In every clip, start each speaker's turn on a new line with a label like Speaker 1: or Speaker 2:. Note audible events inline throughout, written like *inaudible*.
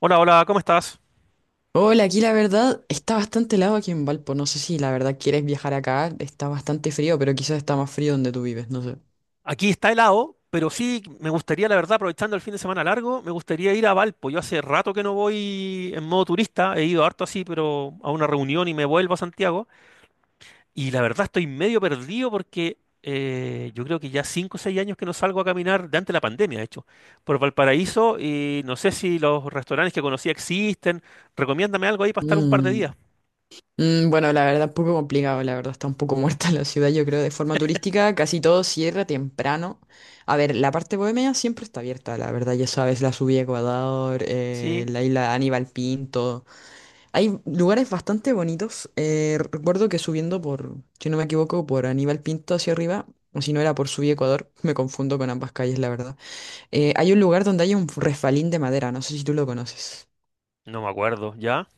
Speaker 1: Hola, hola, ¿cómo estás?
Speaker 2: Hola, aquí la verdad está bastante helado aquí en Valpo. No sé si la verdad quieres viajar acá. Está bastante frío, pero quizás está más frío donde tú vives, no sé.
Speaker 1: Aquí está helado, pero sí me gustaría, la verdad, aprovechando el fin de semana largo, me gustaría ir a Valpo. Yo hace rato que no voy en modo turista, he ido harto así, pero a una reunión y me vuelvo a Santiago. Y la verdad estoy medio perdido porque yo creo que ya 5 o 6 años que no salgo a caminar, de antes de la pandemia, de hecho, por Valparaíso y no sé si los restaurantes que conocía existen. Recomiéndame algo ahí para estar un par de
Speaker 2: Mm,
Speaker 1: días.
Speaker 2: bueno, la verdad, un poco complicado, la verdad, está un poco muerta *laughs* la ciudad, yo creo, de forma turística, casi todo cierra temprano. A ver, la parte bohemia siempre está abierta, la verdad, ya sabes, la subida a Ecuador,
Speaker 1: Sí,
Speaker 2: la isla Aníbal Pinto. Hay lugares bastante bonitos. Recuerdo que subiendo por, si no me equivoco, por Aníbal Pinto hacia arriba, o si no era por Subí Ecuador, *laughs* me confundo con ambas calles, la verdad. Hay un lugar donde hay un refalín de madera, no sé si tú lo conoces.
Speaker 1: no me acuerdo, ¿ya?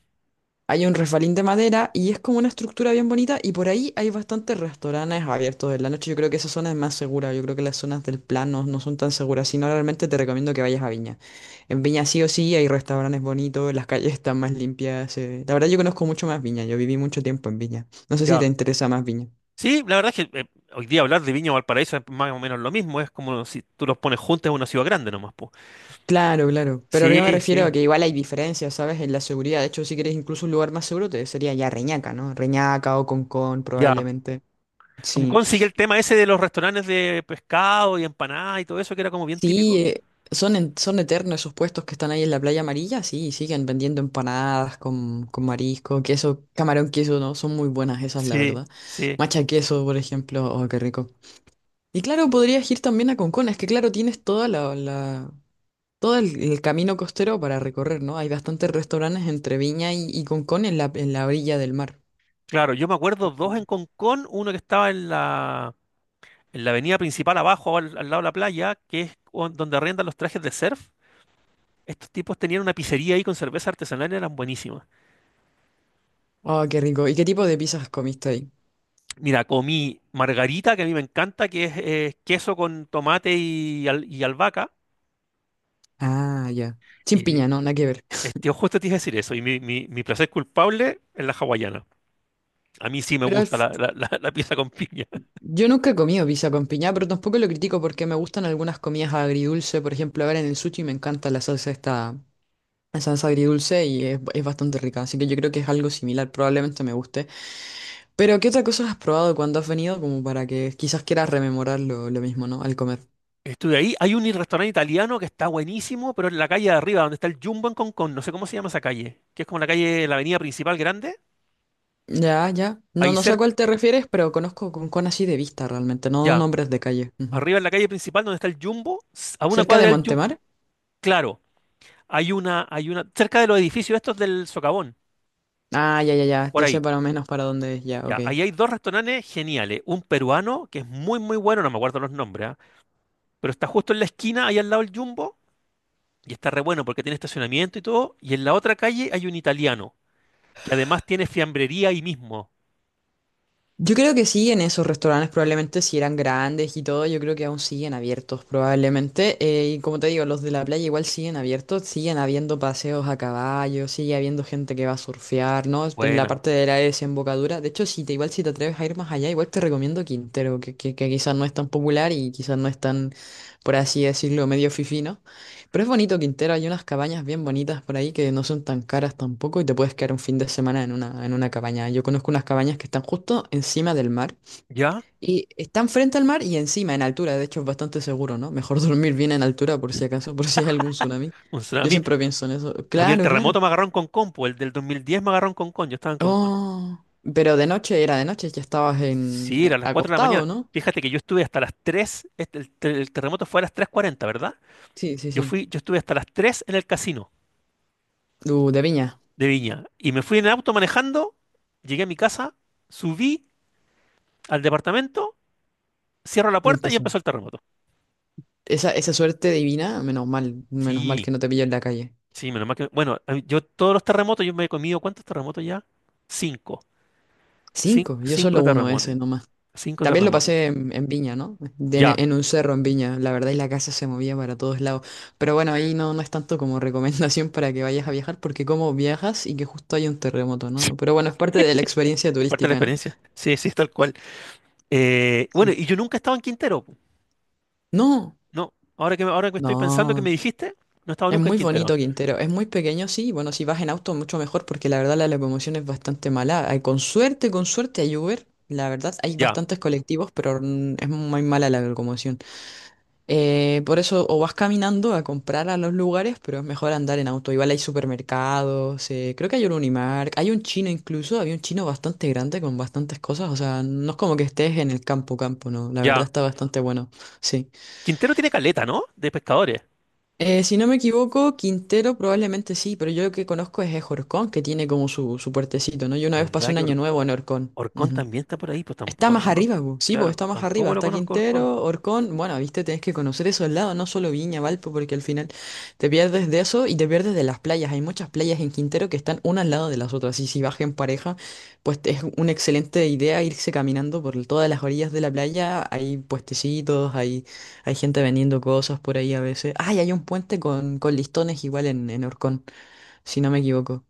Speaker 2: Hay un refalín de madera y es como una estructura bien bonita y por ahí hay bastantes restaurantes abiertos en la noche. Yo creo que esa zona es más segura, yo creo que las zonas del plano no son tan seguras, si no realmente te recomiendo que vayas a Viña. En Viña sí o sí hay restaurantes bonitos, las calles están más limpias. La verdad yo conozco mucho más Viña, yo viví mucho tiempo en Viña. No sé si
Speaker 1: Ya.
Speaker 2: te interesa más Viña.
Speaker 1: Sí, la verdad es que hoy día hablar de Viña o Valparaíso es más o menos lo mismo, es como si tú los pones juntos en una ciudad grande nomás, po.
Speaker 2: Claro, claro. Pero yo me
Speaker 1: Sí,
Speaker 2: refiero a
Speaker 1: sí,
Speaker 2: que igual hay diferencias, ¿sabes? En la seguridad. De hecho, si quieres incluso un lugar más seguro, te sería ya Reñaca, ¿no? Reñaca o Concón,
Speaker 1: ya.
Speaker 2: probablemente.
Speaker 1: Como
Speaker 2: Sí.
Speaker 1: consigue el tema ese de los restaurantes de pescado y empanadas y todo eso, que era como bien
Speaker 2: Sí,
Speaker 1: típico.
Speaker 2: son, son eternos esos puestos que están ahí en la playa amarilla. Sí, siguen vendiendo empanadas con marisco, queso, camarón, queso, ¿no? Son muy buenas esas, la
Speaker 1: Sí,
Speaker 2: verdad.
Speaker 1: sí.
Speaker 2: Macha queso, por ejemplo. Oh, qué rico. Y claro,
Speaker 1: Sí.
Speaker 2: podrías ir también a Concón, es que claro, tienes todo el camino costero para recorrer, ¿no? Hay bastantes restaurantes entre Viña y Concón en la orilla del mar.
Speaker 1: Claro, yo me acuerdo
Speaker 2: Ujú.
Speaker 1: dos en Concón, uno que estaba en la avenida principal abajo, al, al lado de la playa, que es donde arrendan los trajes de surf. Estos tipos tenían una pizzería ahí con cerveza artesanal y eran buenísimas.
Speaker 2: Oh, qué rico. ¿Y qué tipo de pizzas comiste ahí?
Speaker 1: Mira, comí margarita, que a mí me encanta, que es queso con tomate y, y albahaca.
Speaker 2: Ah, ya. Sin
Speaker 1: Y
Speaker 2: piña, no, nada que ver.
Speaker 1: este, justo te iba a decir eso. Y mi placer culpable es la hawaiana. A mí sí me
Speaker 2: Pero al
Speaker 1: gusta
Speaker 2: f-
Speaker 1: la, la, la pieza con piña.
Speaker 2: yo nunca he comido pizza con piña, pero tampoco lo critico porque me gustan algunas comidas agridulce. Por ejemplo, a ver, en el sushi me encanta la salsa esta, la salsa agridulce y es bastante rica. Así que yo creo que es algo similar, probablemente me guste. Pero, ¿qué otra cosa has probado cuando has venido? Como para que quizás quieras rememorar lo mismo, ¿no? Al comer.
Speaker 1: Estuve ahí. Hay un restaurante italiano que está buenísimo, pero en la calle de arriba, donde está el Jumbo en Concón. No sé cómo se llama esa calle. Que es como la calle, la avenida principal grande.
Speaker 2: Ya, ya. No,
Speaker 1: Ahí
Speaker 2: no sé a
Speaker 1: cerca,
Speaker 2: cuál te refieres, pero conozco con así de vista realmente, no
Speaker 1: ya.
Speaker 2: nombres de calle. Ujú.
Speaker 1: Arriba en la calle principal, donde está el Jumbo, a una
Speaker 2: ¿Cerca de
Speaker 1: cuadra del Jumbo.
Speaker 2: Montemar?
Speaker 1: Claro, hay una, cerca de los edificios estos del Socavón,
Speaker 2: Ah, ya, ya, ya.
Speaker 1: por
Speaker 2: Ya sé
Speaker 1: ahí.
Speaker 2: para menos para dónde es. Ya, ok.
Speaker 1: Ya, ahí hay dos restaurantes geniales. Un peruano, que es muy, muy bueno, no me acuerdo los nombres, ¿ah? Pero está justo en la esquina, ahí al lado del Jumbo, y está re bueno porque tiene estacionamiento y todo. Y en la otra calle hay un italiano, que además tiene fiambrería ahí mismo.
Speaker 2: Yo creo que sí, en esos restaurantes probablemente si eran grandes y todo, yo creo que aún siguen abiertos probablemente. Y como te digo, los de la playa igual siguen abiertos, siguen habiendo paseos a caballo, sigue habiendo gente que va a surfear, ¿no? En la
Speaker 1: Buena.
Speaker 2: parte de la desembocadura. De hecho, si te igual si te atreves a ir más allá, igual te recomiendo Quintero, que quizás no es tan popular y quizás no es tan, por así decirlo, medio fifino. Pero es bonito Quintero, hay unas cabañas bien bonitas por ahí que no son tan caras tampoco y te puedes quedar un fin de semana en una cabaña. Yo conozco unas cabañas que están justo encima del mar
Speaker 1: ¿Ya?
Speaker 2: y están frente al mar y encima, en altura. De hecho, es bastante seguro, ¿no? Mejor *laughs* dormir bien en altura por si acaso, por si hay algún tsunami.
Speaker 1: Un tsunami, a
Speaker 2: Yo
Speaker 1: mí,
Speaker 2: siempre pienso en eso.
Speaker 1: el
Speaker 2: Claro, claro.
Speaker 1: terremoto me agarró en Concón, pues el del 2010 me agarró en Concón, yo estaba en Concón.
Speaker 2: Oh, pero de noche era de noche, ya estabas en
Speaker 1: Sí, era a las 4 de la mañana.
Speaker 2: acostado, ¿no?
Speaker 1: Fíjate que yo estuve hasta las 3, este, el terremoto fue a las 3:40, ¿verdad?
Speaker 2: Sí, sí,
Speaker 1: Yo
Speaker 2: sí.
Speaker 1: fui, yo estuve hasta las 3 en el casino.
Speaker 2: De viña,
Speaker 1: De Viña. Y me fui en el auto manejando, llegué a mi casa, subí al departamento, cierro la
Speaker 2: ya
Speaker 1: puerta y
Speaker 2: empezó.
Speaker 1: empezó el terremoto.
Speaker 2: Esa suerte divina, menos mal
Speaker 1: Sí,
Speaker 2: que no te pillo en la calle.
Speaker 1: sí, menos mal que... Bueno, a mí, yo todos los terremotos, yo me he comido, ¿cuántos terremotos ya? Cinco.
Speaker 2: Cinco, yo solo
Speaker 1: Cinco
Speaker 2: uno
Speaker 1: terremotos.
Speaker 2: ese nomás.
Speaker 1: Cinco
Speaker 2: También lo
Speaker 1: terremotos.
Speaker 2: pasé en Viña, ¿no?
Speaker 1: Ya. *laughs*
Speaker 2: En un cerro en Viña, la verdad, y la casa se movía para todos lados. Pero bueno, ahí no, no es tanto como *laughs* recomendación para que vayas a viajar, porque como viajas y que justo hay un terremoto, ¿no?
Speaker 1: Sí,
Speaker 2: No, pero bueno, es parte de la experiencia
Speaker 1: es parte de la
Speaker 2: turística, ¿no?
Speaker 1: experiencia. Sí, sí, tal cual. Bueno,
Speaker 2: Sí.
Speaker 1: y yo nunca estaba en Quintero, pu.
Speaker 2: No,
Speaker 1: No, ahora que, ahora que estoy pensando que me
Speaker 2: no.
Speaker 1: dijiste, no estaba
Speaker 2: Es
Speaker 1: nunca en
Speaker 2: muy
Speaker 1: Quintero.
Speaker 2: bonito Quintero, es muy pequeño, sí. Bueno, si vas en auto, mucho mejor, porque la verdad la locomoción es bastante mala. Ay, con suerte, con suerte hay Uber. La verdad, hay
Speaker 1: Ya,
Speaker 2: bastantes colectivos, pero es muy mala la locomoción. Por eso o vas caminando a comprar a los lugares, pero es mejor andar en auto. Igual hay supermercados, creo que hay un Unimark, hay un chino incluso, había un chino bastante grande con bastantes cosas, o sea, no es como que estés en el campo campo, no, la verdad
Speaker 1: ya.
Speaker 2: está bastante bueno, sí.
Speaker 1: Quintero tiene caleta, ¿no? De pescadores.
Speaker 2: Si no me equivoco, Quintero probablemente sí, pero yo lo que conozco es Horcón, que tiene como su puertecito, ¿no? Yo una vez pasé
Speaker 1: ¿Verdad?
Speaker 2: un año nuevo en Horcón.
Speaker 1: Orcón
Speaker 2: Ujú.
Speaker 1: también está por ahí, pues
Speaker 2: Está
Speaker 1: tampoco lo
Speaker 2: más
Speaker 1: conozco.
Speaker 2: arriba, bu. Sí, pues
Speaker 1: Claro,
Speaker 2: está más arriba.
Speaker 1: tampoco lo
Speaker 2: Está
Speaker 1: conozco Orcón.
Speaker 2: Quintero, Orcón. Bueno, viste, tenés que conocer esos lados, no solo Viña, Valpo, porque al final te pierdes de eso y te pierdes de las playas. Hay muchas playas en Quintero que están una al lado de las otras. Y si vas en pareja, pues es una excelente idea irse caminando por todas las orillas de la playa. Hay puestecitos, hay gente vendiendo cosas por ahí a veces. Ay, hay un puente con listones igual en Orcón, si no me equivoco.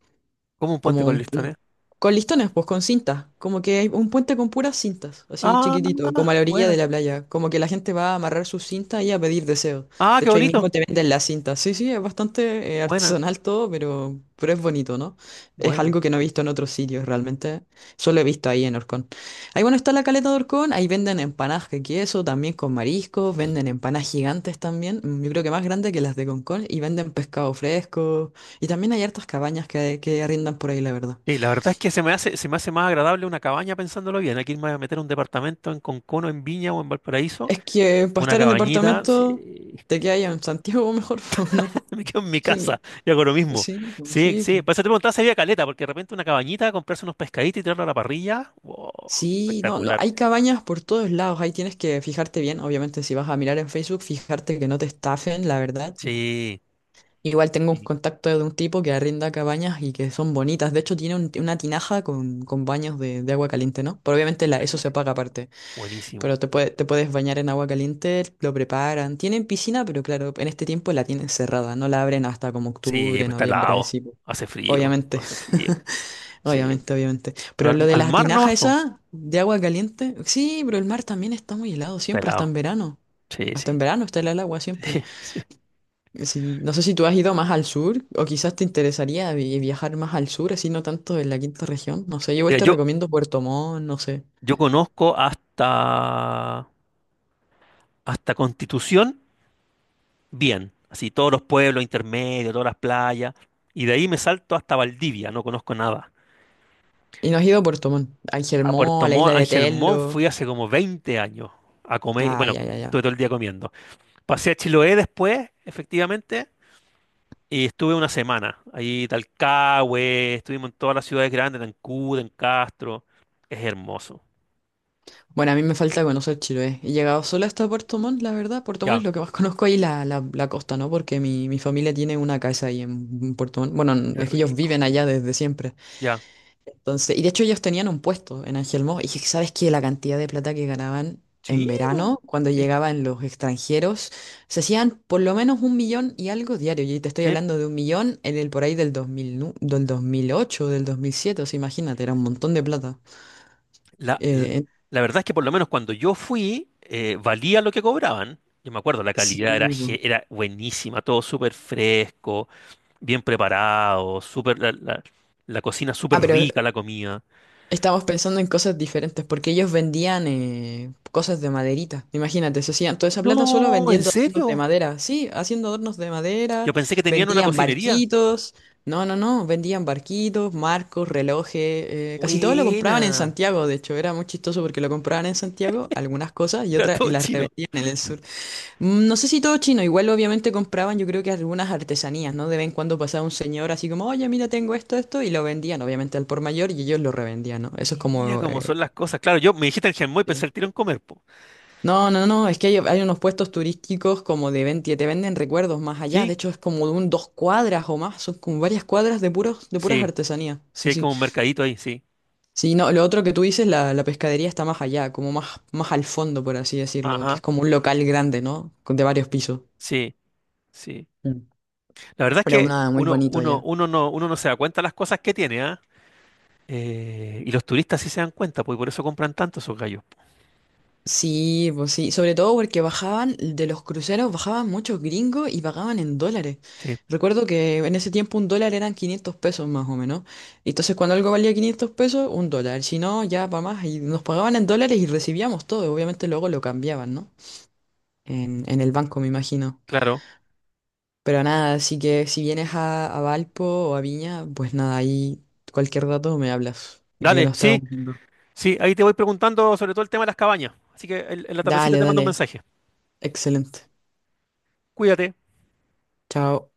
Speaker 1: Como un puente
Speaker 2: Como
Speaker 1: con
Speaker 2: un, pu-
Speaker 1: listones.
Speaker 2: con listones, pues con cintas. Como que hay un puente con puras cintas, así
Speaker 1: Ah,
Speaker 2: chiquitito, como a la orilla de
Speaker 1: buena.
Speaker 2: la playa. Como que la gente va a amarrar sus cintas y a pedir deseos.
Speaker 1: Ah,
Speaker 2: De
Speaker 1: qué
Speaker 2: hecho, ahí
Speaker 1: bonito.
Speaker 2: mismo te venden las cintas. Sí, sí, es bastante
Speaker 1: Buena,
Speaker 2: artesanal todo, pero es bonito, ¿no? Es
Speaker 1: buena.
Speaker 2: algo que no he visto en otros sitios realmente. Solo he visto ahí en Orcón. Ahí, bueno, está la caleta de Orcón. Ahí venden empanadas de queso, también con mariscos. Venden empanadas gigantes también. Yo creo que más grandes que las de Concón. Y venden pescado fresco. Y también hay hartas cabañas que arrendan por ahí, la verdad.
Speaker 1: Sí, la verdad es que se me hace más agradable una cabaña pensándolo bien. Aquí me voy a meter un departamento en Concono, en Viña o en Valparaíso.
Speaker 2: Es que para
Speaker 1: Una
Speaker 2: estar en
Speaker 1: cabañita,
Speaker 2: departamento,
Speaker 1: sí.
Speaker 2: te quedas en Santiago mejor, *laughs* po, ¿no?
Speaker 1: *laughs* Me quedo en mi
Speaker 2: Sí,
Speaker 1: casa y hago lo mismo.
Speaker 2: sí, po,
Speaker 1: Sí,
Speaker 2: sí.
Speaker 1: sí.
Speaker 2: Po.
Speaker 1: Por eso te preguntaba si había caleta, porque de repente una cabañita, comprarse unos pescaditos y tirarlo a la parrilla. Wow,
Speaker 2: Sí, no, no,
Speaker 1: espectacular.
Speaker 2: hay cabañas por todos lados, ahí tienes que fijarte bien, obviamente si vas a mirar en Facebook, fijarte que no te estafen, la verdad.
Speaker 1: Sí,
Speaker 2: Igual tengo un
Speaker 1: sí,
Speaker 2: contacto de un tipo que arrienda cabañas y que son bonitas, de hecho tiene una tinaja con baños de agua caliente, ¿no? Pero obviamente la, eso se
Speaker 1: buenísimo.
Speaker 2: paga aparte.
Speaker 1: Buenísimo.
Speaker 2: Te puedes bañar en agua caliente, lo preparan. Tienen piscina, pero claro, en este tiempo la tienen cerrada. No la abren hasta como
Speaker 1: Sí,
Speaker 2: octubre,
Speaker 1: pues está
Speaker 2: noviembre,
Speaker 1: helado.
Speaker 2: sí. Po.
Speaker 1: Hace frío,
Speaker 2: Obviamente,
Speaker 1: hace frío.
Speaker 2: *laughs*
Speaker 1: Sí.
Speaker 2: obviamente, obviamente.
Speaker 1: Pero
Speaker 2: Pero lo
Speaker 1: al,
Speaker 2: de
Speaker 1: al
Speaker 2: las
Speaker 1: mar
Speaker 2: tinajas
Speaker 1: nomás, po.
Speaker 2: esa de agua caliente, sí, pero el mar también está muy helado
Speaker 1: Está
Speaker 2: siempre, hasta
Speaker 1: helado.
Speaker 2: en verano.
Speaker 1: Sí,
Speaker 2: Hasta en
Speaker 1: sí.
Speaker 2: verano está helada el agua siempre.
Speaker 1: *laughs* Sí.
Speaker 2: Sí, no sé si tú has ido más al sur o quizás te interesaría viajar más al sur, así no tanto en la quinta región. No sé, yo igual
Speaker 1: Mira,
Speaker 2: te
Speaker 1: yo,
Speaker 2: recomiendo Puerto Montt, no sé.
Speaker 1: yo conozco hasta Constitución bien. Así todos los pueblos intermedios, todas las playas. Y de ahí me salto hasta Valdivia, no conozco nada.
Speaker 2: ¿Y no has ido a Puerto Montt, a
Speaker 1: A
Speaker 2: Angelmó,
Speaker 1: Puerto
Speaker 2: a la isla
Speaker 1: Montt,
Speaker 2: de
Speaker 1: Ángel Montt fui
Speaker 2: Tello?
Speaker 1: hace como 20 años a comer.
Speaker 2: Ah,
Speaker 1: Bueno,
Speaker 2: ya, ya, ya.
Speaker 1: estuve todo el día comiendo. Pasé a Chiloé después, efectivamente. Y estuve una semana ahí, Talcahué, estuvimos en todas las ciudades grandes, en Ancud, en Castro. Es hermoso.
Speaker 2: Bueno, a mí me falta conocer Chiloé. He llegado solo hasta Puerto Montt, la verdad. Puerto Montt es
Speaker 1: Ya,
Speaker 2: lo que más *laughs* conozco ahí, la costa, ¿no? Porque mi familia tiene una casa ahí en Puerto Montt. Bueno,
Speaker 1: es
Speaker 2: es que ellos
Speaker 1: rico.
Speaker 2: viven allá desde siempre.
Speaker 1: Ya.
Speaker 2: Entonces, y de hecho ellos tenían un puesto en Ángel Moss. Y dije, ¿sabes qué? La cantidad de plata que ganaban en
Speaker 1: Sí, po.
Speaker 2: verano, cuando
Speaker 1: Sí,
Speaker 2: llegaban los extranjeros, se hacían por lo menos un millón y algo diario. Y te estoy
Speaker 1: sí.
Speaker 2: hablando de un millón en el por ahí del 2000, del 2008, del 2007. O sea, imagínate, era un montón de plata.
Speaker 1: La, la-
Speaker 2: Eh,
Speaker 1: la verdad es que por lo menos cuando yo fui, valía lo que cobraban. Yo me acuerdo, la
Speaker 2: Sí,
Speaker 1: calidad era buenísima, todo súper fresco, bien preparado, súper, la, la cocina
Speaker 2: ah,
Speaker 1: súper
Speaker 2: pero
Speaker 1: rica, la comida.
Speaker 2: estamos pensando en cosas diferentes, porque ellos vendían cosas de maderita. Imagínate, se hacían toda esa plata solo
Speaker 1: No, ¿en
Speaker 2: vendiendo adornos de
Speaker 1: serio?
Speaker 2: madera. Sí, haciendo adornos de
Speaker 1: Yo
Speaker 2: madera,
Speaker 1: pensé que tenían una
Speaker 2: vendían
Speaker 1: cocinería.
Speaker 2: barquitos. No, no, no, vendían barquitos, marcos, relojes. Casi todo lo compraban en
Speaker 1: Buena.
Speaker 2: Santiago, de hecho, era muy chistoso porque lo compraban en Santiago, algunas cosas, y
Speaker 1: *laughs* Era
Speaker 2: otras, y
Speaker 1: todo
Speaker 2: las
Speaker 1: chino.
Speaker 2: revendían en el sur. Mm, no sé si todo chino, igual obviamente compraban yo creo que algunas artesanías, ¿no? De vez en cuando pasaba un señor así como, oye, mira, tengo esto, esto, y lo vendían obviamente al por mayor y ellos lo revendían, ¿no? Eso es
Speaker 1: Mira
Speaker 2: como...
Speaker 1: cómo son las cosas. Claro, yo me dijiste en Genmoy, y pensé
Speaker 2: sí.
Speaker 1: el tiro en comer, po.
Speaker 2: No, no, no, es que hay unos puestos turísticos como de que te venden recuerdos más allá,
Speaker 1: ¿Sí?
Speaker 2: de hecho es como de un dos cuadras o más, son como varias cuadras de puros, de puras
Speaker 1: Sí,
Speaker 2: artesanías,
Speaker 1: sí,
Speaker 2: sí,
Speaker 1: hay
Speaker 2: sí.
Speaker 1: como un mercadito ahí, sí.
Speaker 2: Sí, no, lo otro que tú dices, la pescadería está más allá, como más, más al fondo, por así decirlo, que es
Speaker 1: Ajá,
Speaker 2: como un local grande, ¿no? De varios pisos.
Speaker 1: sí, sí.
Speaker 2: Mm,
Speaker 1: La verdad es
Speaker 2: pero
Speaker 1: que
Speaker 2: nada, muy
Speaker 1: uno,
Speaker 2: bonito
Speaker 1: uno,
Speaker 2: allá.
Speaker 1: uno no, uno no se da cuenta de las cosas que tiene, ¿ah? Y los turistas sí se dan cuenta, pues, y por eso compran tanto esos gallos.
Speaker 2: Sí, pues sí, sobre todo porque bajaban de los cruceros, bajaban muchos gringos y pagaban en dólares.
Speaker 1: Sí,
Speaker 2: Recuerdo que en ese tiempo un dólar eran 500 pesos más o menos. Y entonces cuando algo valía 500 pesos, un dólar. Si no, ya para más. Y nos pagaban en dólares y recibíamos todo. Obviamente luego lo cambiaban, ¿no? En el banco, me imagino.
Speaker 1: claro.
Speaker 2: Pero nada, así que si vienes a Valpo o a Viña, pues nada, ahí cualquier dato me hablas. Que
Speaker 1: Dale,
Speaker 2: nos estamos
Speaker 1: sí,
Speaker 2: viendo.
Speaker 1: sí, ahí te voy preguntando sobre todo el tema de las cabañas. Así que en la tardecita
Speaker 2: Dale,
Speaker 1: te mando un
Speaker 2: dale.
Speaker 1: mensaje.
Speaker 2: Excelente.
Speaker 1: Cuídate.
Speaker 2: Chao.